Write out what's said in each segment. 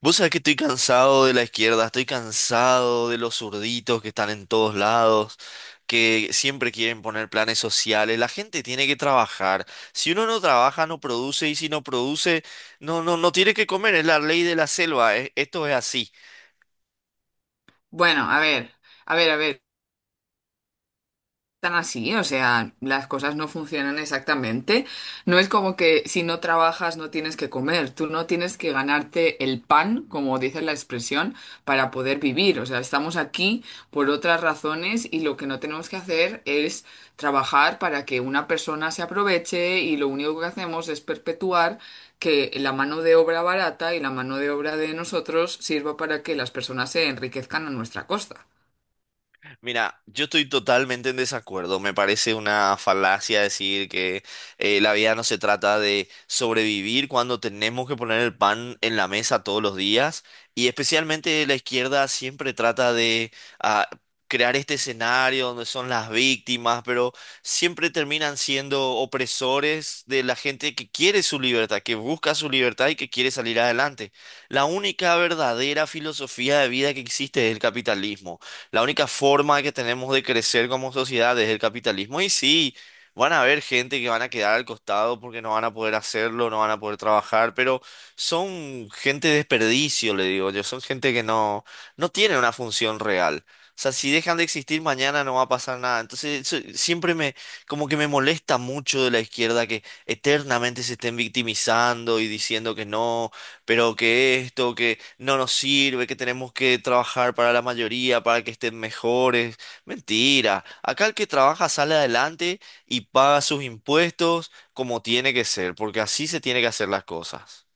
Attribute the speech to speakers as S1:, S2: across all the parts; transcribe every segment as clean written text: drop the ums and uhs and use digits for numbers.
S1: Vos sabés que estoy cansado de la izquierda, estoy cansado de los zurditos que están en todos lados, que siempre quieren poner planes sociales. La gente tiene que trabajar. Si uno no trabaja, no produce, y si no produce, no tiene que comer. Es la ley de la selva. Esto es así.
S2: Bueno, a ver, a ver, a ver, tan así, o sea, las cosas no funcionan exactamente. No es como que si no trabajas no tienes que comer, tú no tienes que ganarte el pan, como dice la expresión, para poder vivir. O sea, estamos aquí por otras razones y lo que no tenemos que hacer es trabajar para que una persona se aproveche y lo único que hacemos es perpetuar que la mano de obra barata y la mano de obra de nosotros sirva para que las personas se enriquezcan a nuestra costa.
S1: Mira, yo estoy totalmente en desacuerdo. Me parece una falacia decir que la vida no se trata de sobrevivir cuando tenemos que poner el pan en la mesa todos los días. Y especialmente la izquierda siempre trata de ah, crear este escenario donde son las víctimas, pero siempre terminan siendo opresores de la gente que quiere su libertad, que busca su libertad y que quiere salir adelante. La única verdadera filosofía de vida que existe es el capitalismo. La única forma que tenemos de crecer como sociedad es el capitalismo. Y sí, van a haber gente que van a quedar al costado porque no van a poder hacerlo, no van a poder trabajar, pero son gente de desperdicio, le digo yo. Son gente que no, no tiene una función real. O sea, si dejan de existir mañana no va a pasar nada. Entonces, como que me molesta mucho de la izquierda que eternamente se estén victimizando y diciendo que no, pero que esto, que no nos sirve, que tenemos que trabajar para la mayoría, para que estén mejores. Mentira. Acá el que trabaja sale adelante y paga sus impuestos como tiene que ser, porque así se tiene que hacer las cosas.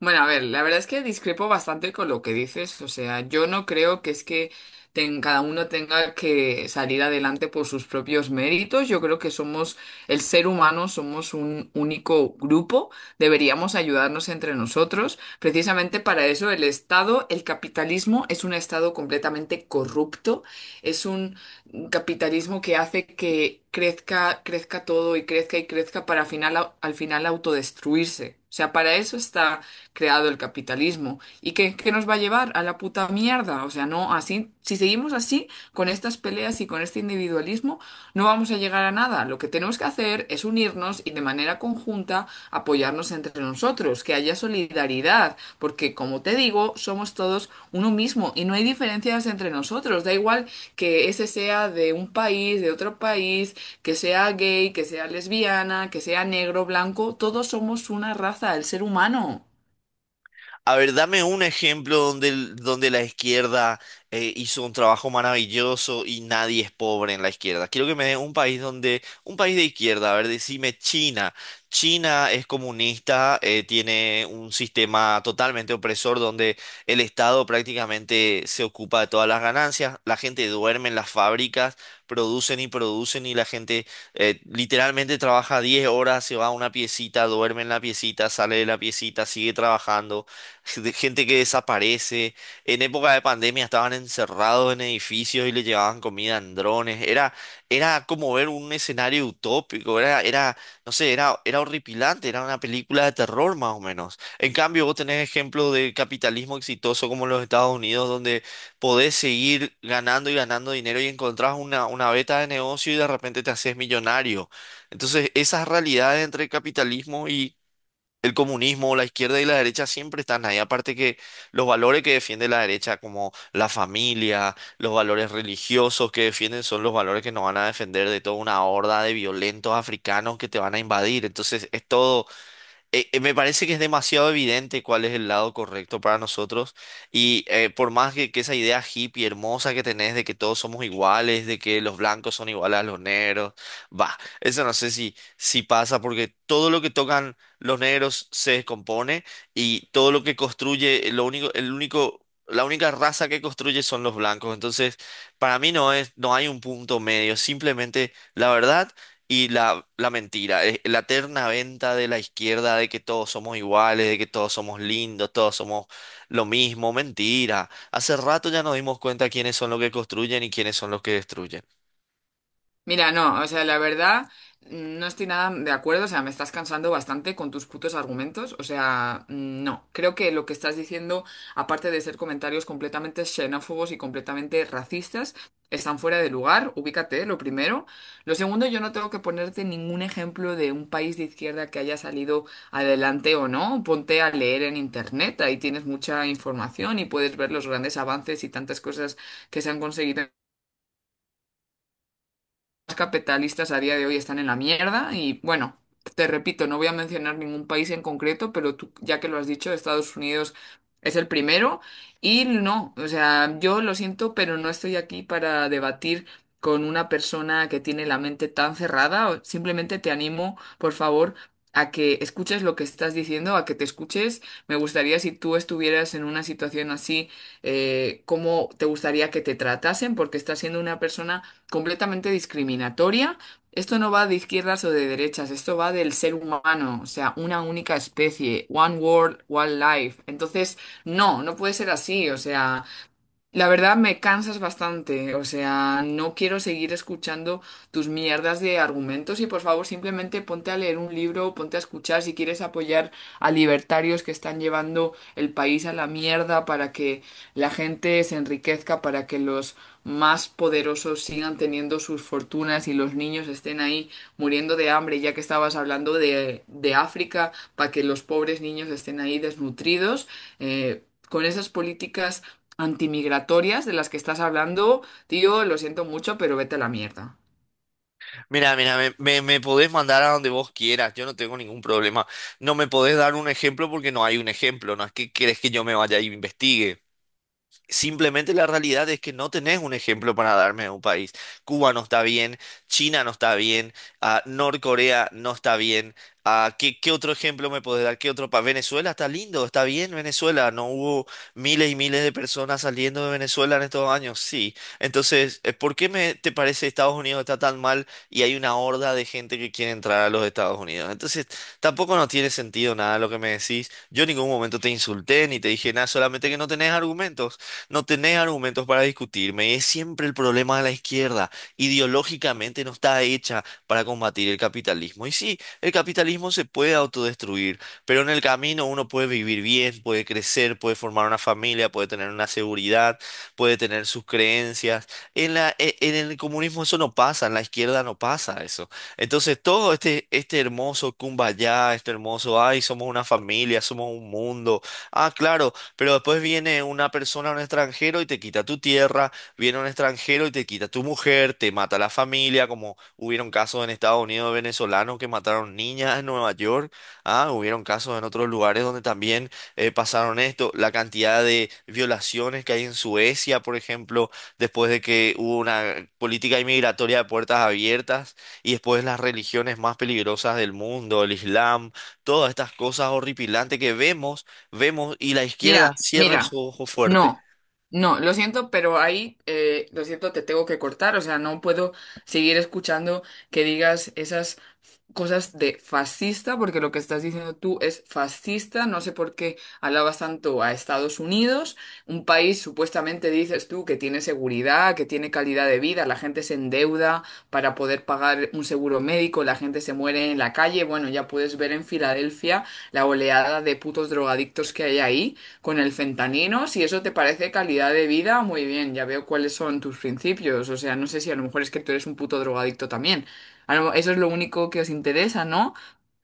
S2: Bueno, a ver, la verdad es que discrepo bastante con lo que dices. O sea, yo no creo que es que cada uno tenga que salir adelante por sus propios méritos. Yo creo que somos el ser humano, somos un único grupo. Deberíamos ayudarnos entre nosotros. Precisamente para eso el Estado, el capitalismo es un Estado completamente corrupto. Es un capitalismo que hace que crezca, crezca todo y crezca para final, al final autodestruirse. O sea, para eso está creado el capitalismo. ¿Y qué nos va a llevar? A la puta mierda. O sea, no así, si seguimos así, con estas peleas y con este individualismo, no vamos a llegar a nada. Lo que tenemos que hacer es unirnos y de manera conjunta apoyarnos entre nosotros, que haya solidaridad, porque como te digo, somos todos uno mismo y no hay diferencias entre nosotros. Da igual que ese sea de un país, de otro país, que sea gay, que sea lesbiana, que sea negro, blanco, todos somos una raza, el ser humano.
S1: A ver, dame un ejemplo donde, donde la izquierda hizo un trabajo maravilloso y nadie es pobre en la izquierda. Quiero que me dé un país donde, un país de izquierda, a ver, decime China. China es comunista, tiene un sistema totalmente opresor donde el Estado prácticamente se ocupa de todas las ganancias, la gente duerme en las fábricas, producen y producen y la gente literalmente trabaja 10 horas, se va a una piecita, duerme en la piecita, sale de la piecita, sigue trabajando de gente que desaparece. En época de pandemia estaban encerrados en edificios y le llevaban comida en drones. Era como ver un escenario utópico, no sé, era horripilante, era una película de terror más o menos. En cambio, vos tenés ejemplos de capitalismo exitoso como los Estados Unidos, donde podés seguir ganando y ganando dinero y encontrás una beta de negocio y de repente te haces millonario. Entonces, esas realidades entre el capitalismo y el comunismo, la izquierda y la derecha siempre están ahí. Aparte que los valores que defiende la derecha, como la familia, los valores religiosos que defienden, son los valores que nos van a defender de toda una horda de violentos africanos que te van a invadir. Entonces es todo, me parece que es demasiado evidente cuál es el lado correcto para nosotros y por más que esa idea hippie hermosa que tenés de que todos somos iguales, de que los blancos son iguales a los negros, va, eso no sé si pasa porque todo lo que tocan los negros se descompone y todo lo que construye, el único... La única raza que construye son los blancos. Entonces, para mí no es, no hay un punto medio. Simplemente, la verdad. Y la mentira, la eterna venta de la izquierda de que todos somos iguales, de que todos somos lindos, todos somos lo mismo, mentira. Hace rato ya nos dimos cuenta quiénes son los que construyen y quiénes son los que destruyen.
S2: Mira, no, o sea, la verdad, no estoy nada de acuerdo, o sea, me estás cansando bastante con tus putos argumentos, o sea, no, creo que lo que estás diciendo, aparte de ser comentarios completamente xenófobos y completamente racistas, están fuera de lugar, ubícate, lo primero. Lo segundo, yo no tengo que ponerte ningún ejemplo de un país de izquierda que haya salido adelante o no, ponte a leer en internet, ahí tienes mucha información y puedes ver los grandes avances y tantas cosas que se han conseguido capitalistas a día de hoy están en la mierda y bueno, te repito, no voy a mencionar ningún país en concreto, pero tú, ya que lo has dicho, Estados Unidos es el primero y no, o sea, yo lo siento, pero no estoy aquí para debatir con una persona que tiene la mente tan cerrada, simplemente te animo, por favor, a que escuches lo que estás diciendo, a que te escuches. Me gustaría si tú estuvieras en una situación así, cómo te gustaría que te tratasen, porque estás siendo una persona completamente discriminatoria. Esto no va de izquierdas o de derechas, esto va del ser humano, o sea, una única especie, one world, one life. Entonces, no, no puede ser así, o sea, la verdad me cansas bastante, o sea, no quiero seguir escuchando tus mierdas de argumentos y por favor simplemente ponte a leer un libro, ponte a escuchar si quieres apoyar a libertarios que están llevando el país a la mierda para que la gente se enriquezca, para que los más poderosos sigan teniendo sus fortunas y los niños estén ahí muriendo de hambre, ya que estabas hablando de África, para que los pobres niños estén ahí desnutridos. eh, Con esas políticas antimigratorias de las que estás hablando, tío, lo siento mucho, pero vete a la mierda.
S1: Mira, mira, me podés mandar a donde vos quieras, yo no tengo ningún problema. No me podés dar un ejemplo porque no hay un ejemplo, no es que querés que yo me vaya y investigue. Simplemente la realidad es que no tenés un ejemplo para darme de un país. Cuba no está bien, China no está bien, Norcorea no está bien. Qué otro ejemplo me podés dar? ¿Qué otro país? Venezuela está lindo, está bien Venezuela. No hubo miles y miles de personas saliendo de Venezuela en estos años. Sí. Entonces, ¿por qué me te parece Estados Unidos está tan mal y hay una horda de gente que quiere entrar a los Estados Unidos? Entonces, tampoco no tiene sentido nada lo que me decís. Yo en ningún momento te insulté ni te dije nada, solamente que no tenés argumentos. No tenés argumentos para discutirme. Es siempre el problema de la izquierda. Ideológicamente no está hecha para combatir el capitalismo. Y sí, el capitalismo se puede autodestruir, pero en el camino uno puede vivir bien, puede crecer, puede formar una familia, puede tener una seguridad, puede tener sus creencias. En el comunismo eso no pasa, en la izquierda no pasa eso. Entonces todo este hermoso kumbaya, este hermoso, ay, somos una familia, somos un mundo. Ah, claro, pero después viene una persona, un extranjero, y te quita tu tierra, viene un extranjero y te quita tu mujer, te mata la familia, como hubieron casos en Estados Unidos de venezolanos que mataron niñas en Nueva York, hubieron casos en otros lugares donde también pasaron esto, la cantidad de violaciones que hay en Suecia, por ejemplo, después de que hubo una política inmigratoria de puertas abiertas, y después las religiones más peligrosas del mundo, el Islam, todas estas cosas horripilantes que vemos vemos y la izquierda
S2: Mira,
S1: cierre su
S2: mira,
S1: ojo fuerte.
S2: no, no, lo siento, pero ahí, lo siento, te tengo que cortar, o sea, no puedo seguir escuchando que digas esas cosas de fascista, porque lo que estás diciendo tú es fascista. No sé por qué alabas tanto a Estados Unidos, un país supuestamente dices tú que tiene seguridad, que tiene calidad de vida, la gente se endeuda para poder pagar un seguro médico, la gente se muere en la calle. Bueno, ya puedes ver en Filadelfia la oleada de putos drogadictos que hay ahí con el fentanino. Si eso te parece calidad de vida, muy bien, ya veo cuáles son tus principios. O sea, no sé si a lo mejor es que tú eres un puto drogadicto también. Eso es lo único que os interesa, ¿no?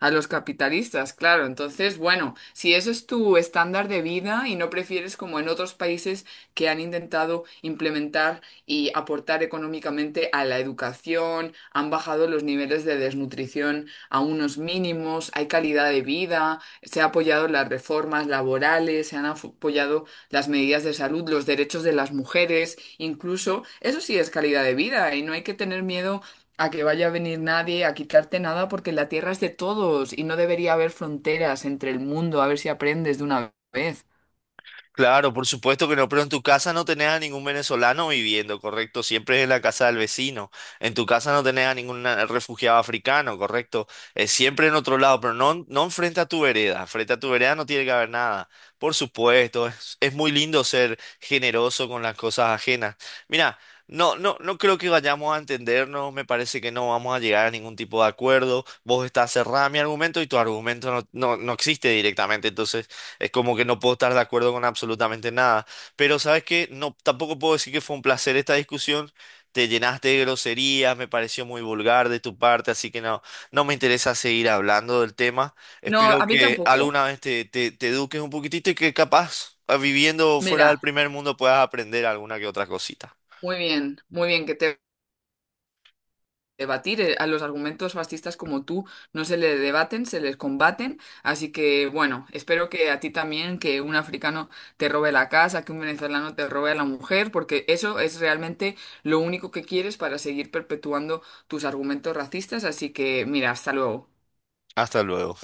S2: A los capitalistas, claro. Entonces, bueno, si eso es tu estándar de vida y no prefieres como en otros países que han intentado implementar y aportar económicamente a la educación, han bajado los niveles de desnutrición a unos mínimos, hay calidad de vida, se ha apoyado las reformas laborales, se han apoyado las medidas de salud, los derechos de las mujeres, incluso eso sí es calidad de vida y no hay que tener miedo a que vaya a venir nadie a quitarte nada porque la tierra es de todos y no debería haber fronteras entre el mundo. A ver si aprendes de una vez.
S1: Claro, por supuesto que no, pero en tu casa no tenés a ningún venezolano viviendo, ¿correcto? Siempre es en la casa del vecino. En tu casa no tenés a ningún refugiado africano, ¿correcto? Es siempre en otro lado, pero no, no enfrente a tu vereda. Frente a tu vereda no tiene que haber nada. Por supuesto, es muy lindo ser generoso con las cosas ajenas. Mira, no creo que vayamos a entendernos, me parece que no vamos a llegar a ningún tipo de acuerdo. Vos estás cerrada a mi argumento y tu argumento no existe directamente, entonces... Es como que no puedo estar de acuerdo con absolutamente nada. Pero sabes que no, tampoco puedo decir que fue un placer esta discusión. Te llenaste de groserías, me pareció muy vulgar de tu parte, así que no, no me interesa seguir hablando del tema.
S2: No,
S1: Espero
S2: a mí
S1: que
S2: tampoco.
S1: alguna vez te eduques un poquitito y que capaz, ah, viviendo fuera del
S2: Mira,
S1: primer mundo, puedas aprender alguna que otra cosita.
S2: muy bien que te debatir. A los argumentos fascistas como tú no se les debaten, se les combaten. Así que bueno, espero que a ti también, que un africano te robe la casa, que un venezolano te robe a la mujer, porque eso es realmente lo único que quieres para seguir perpetuando tus argumentos racistas. Así que mira, hasta luego.
S1: Hasta luego.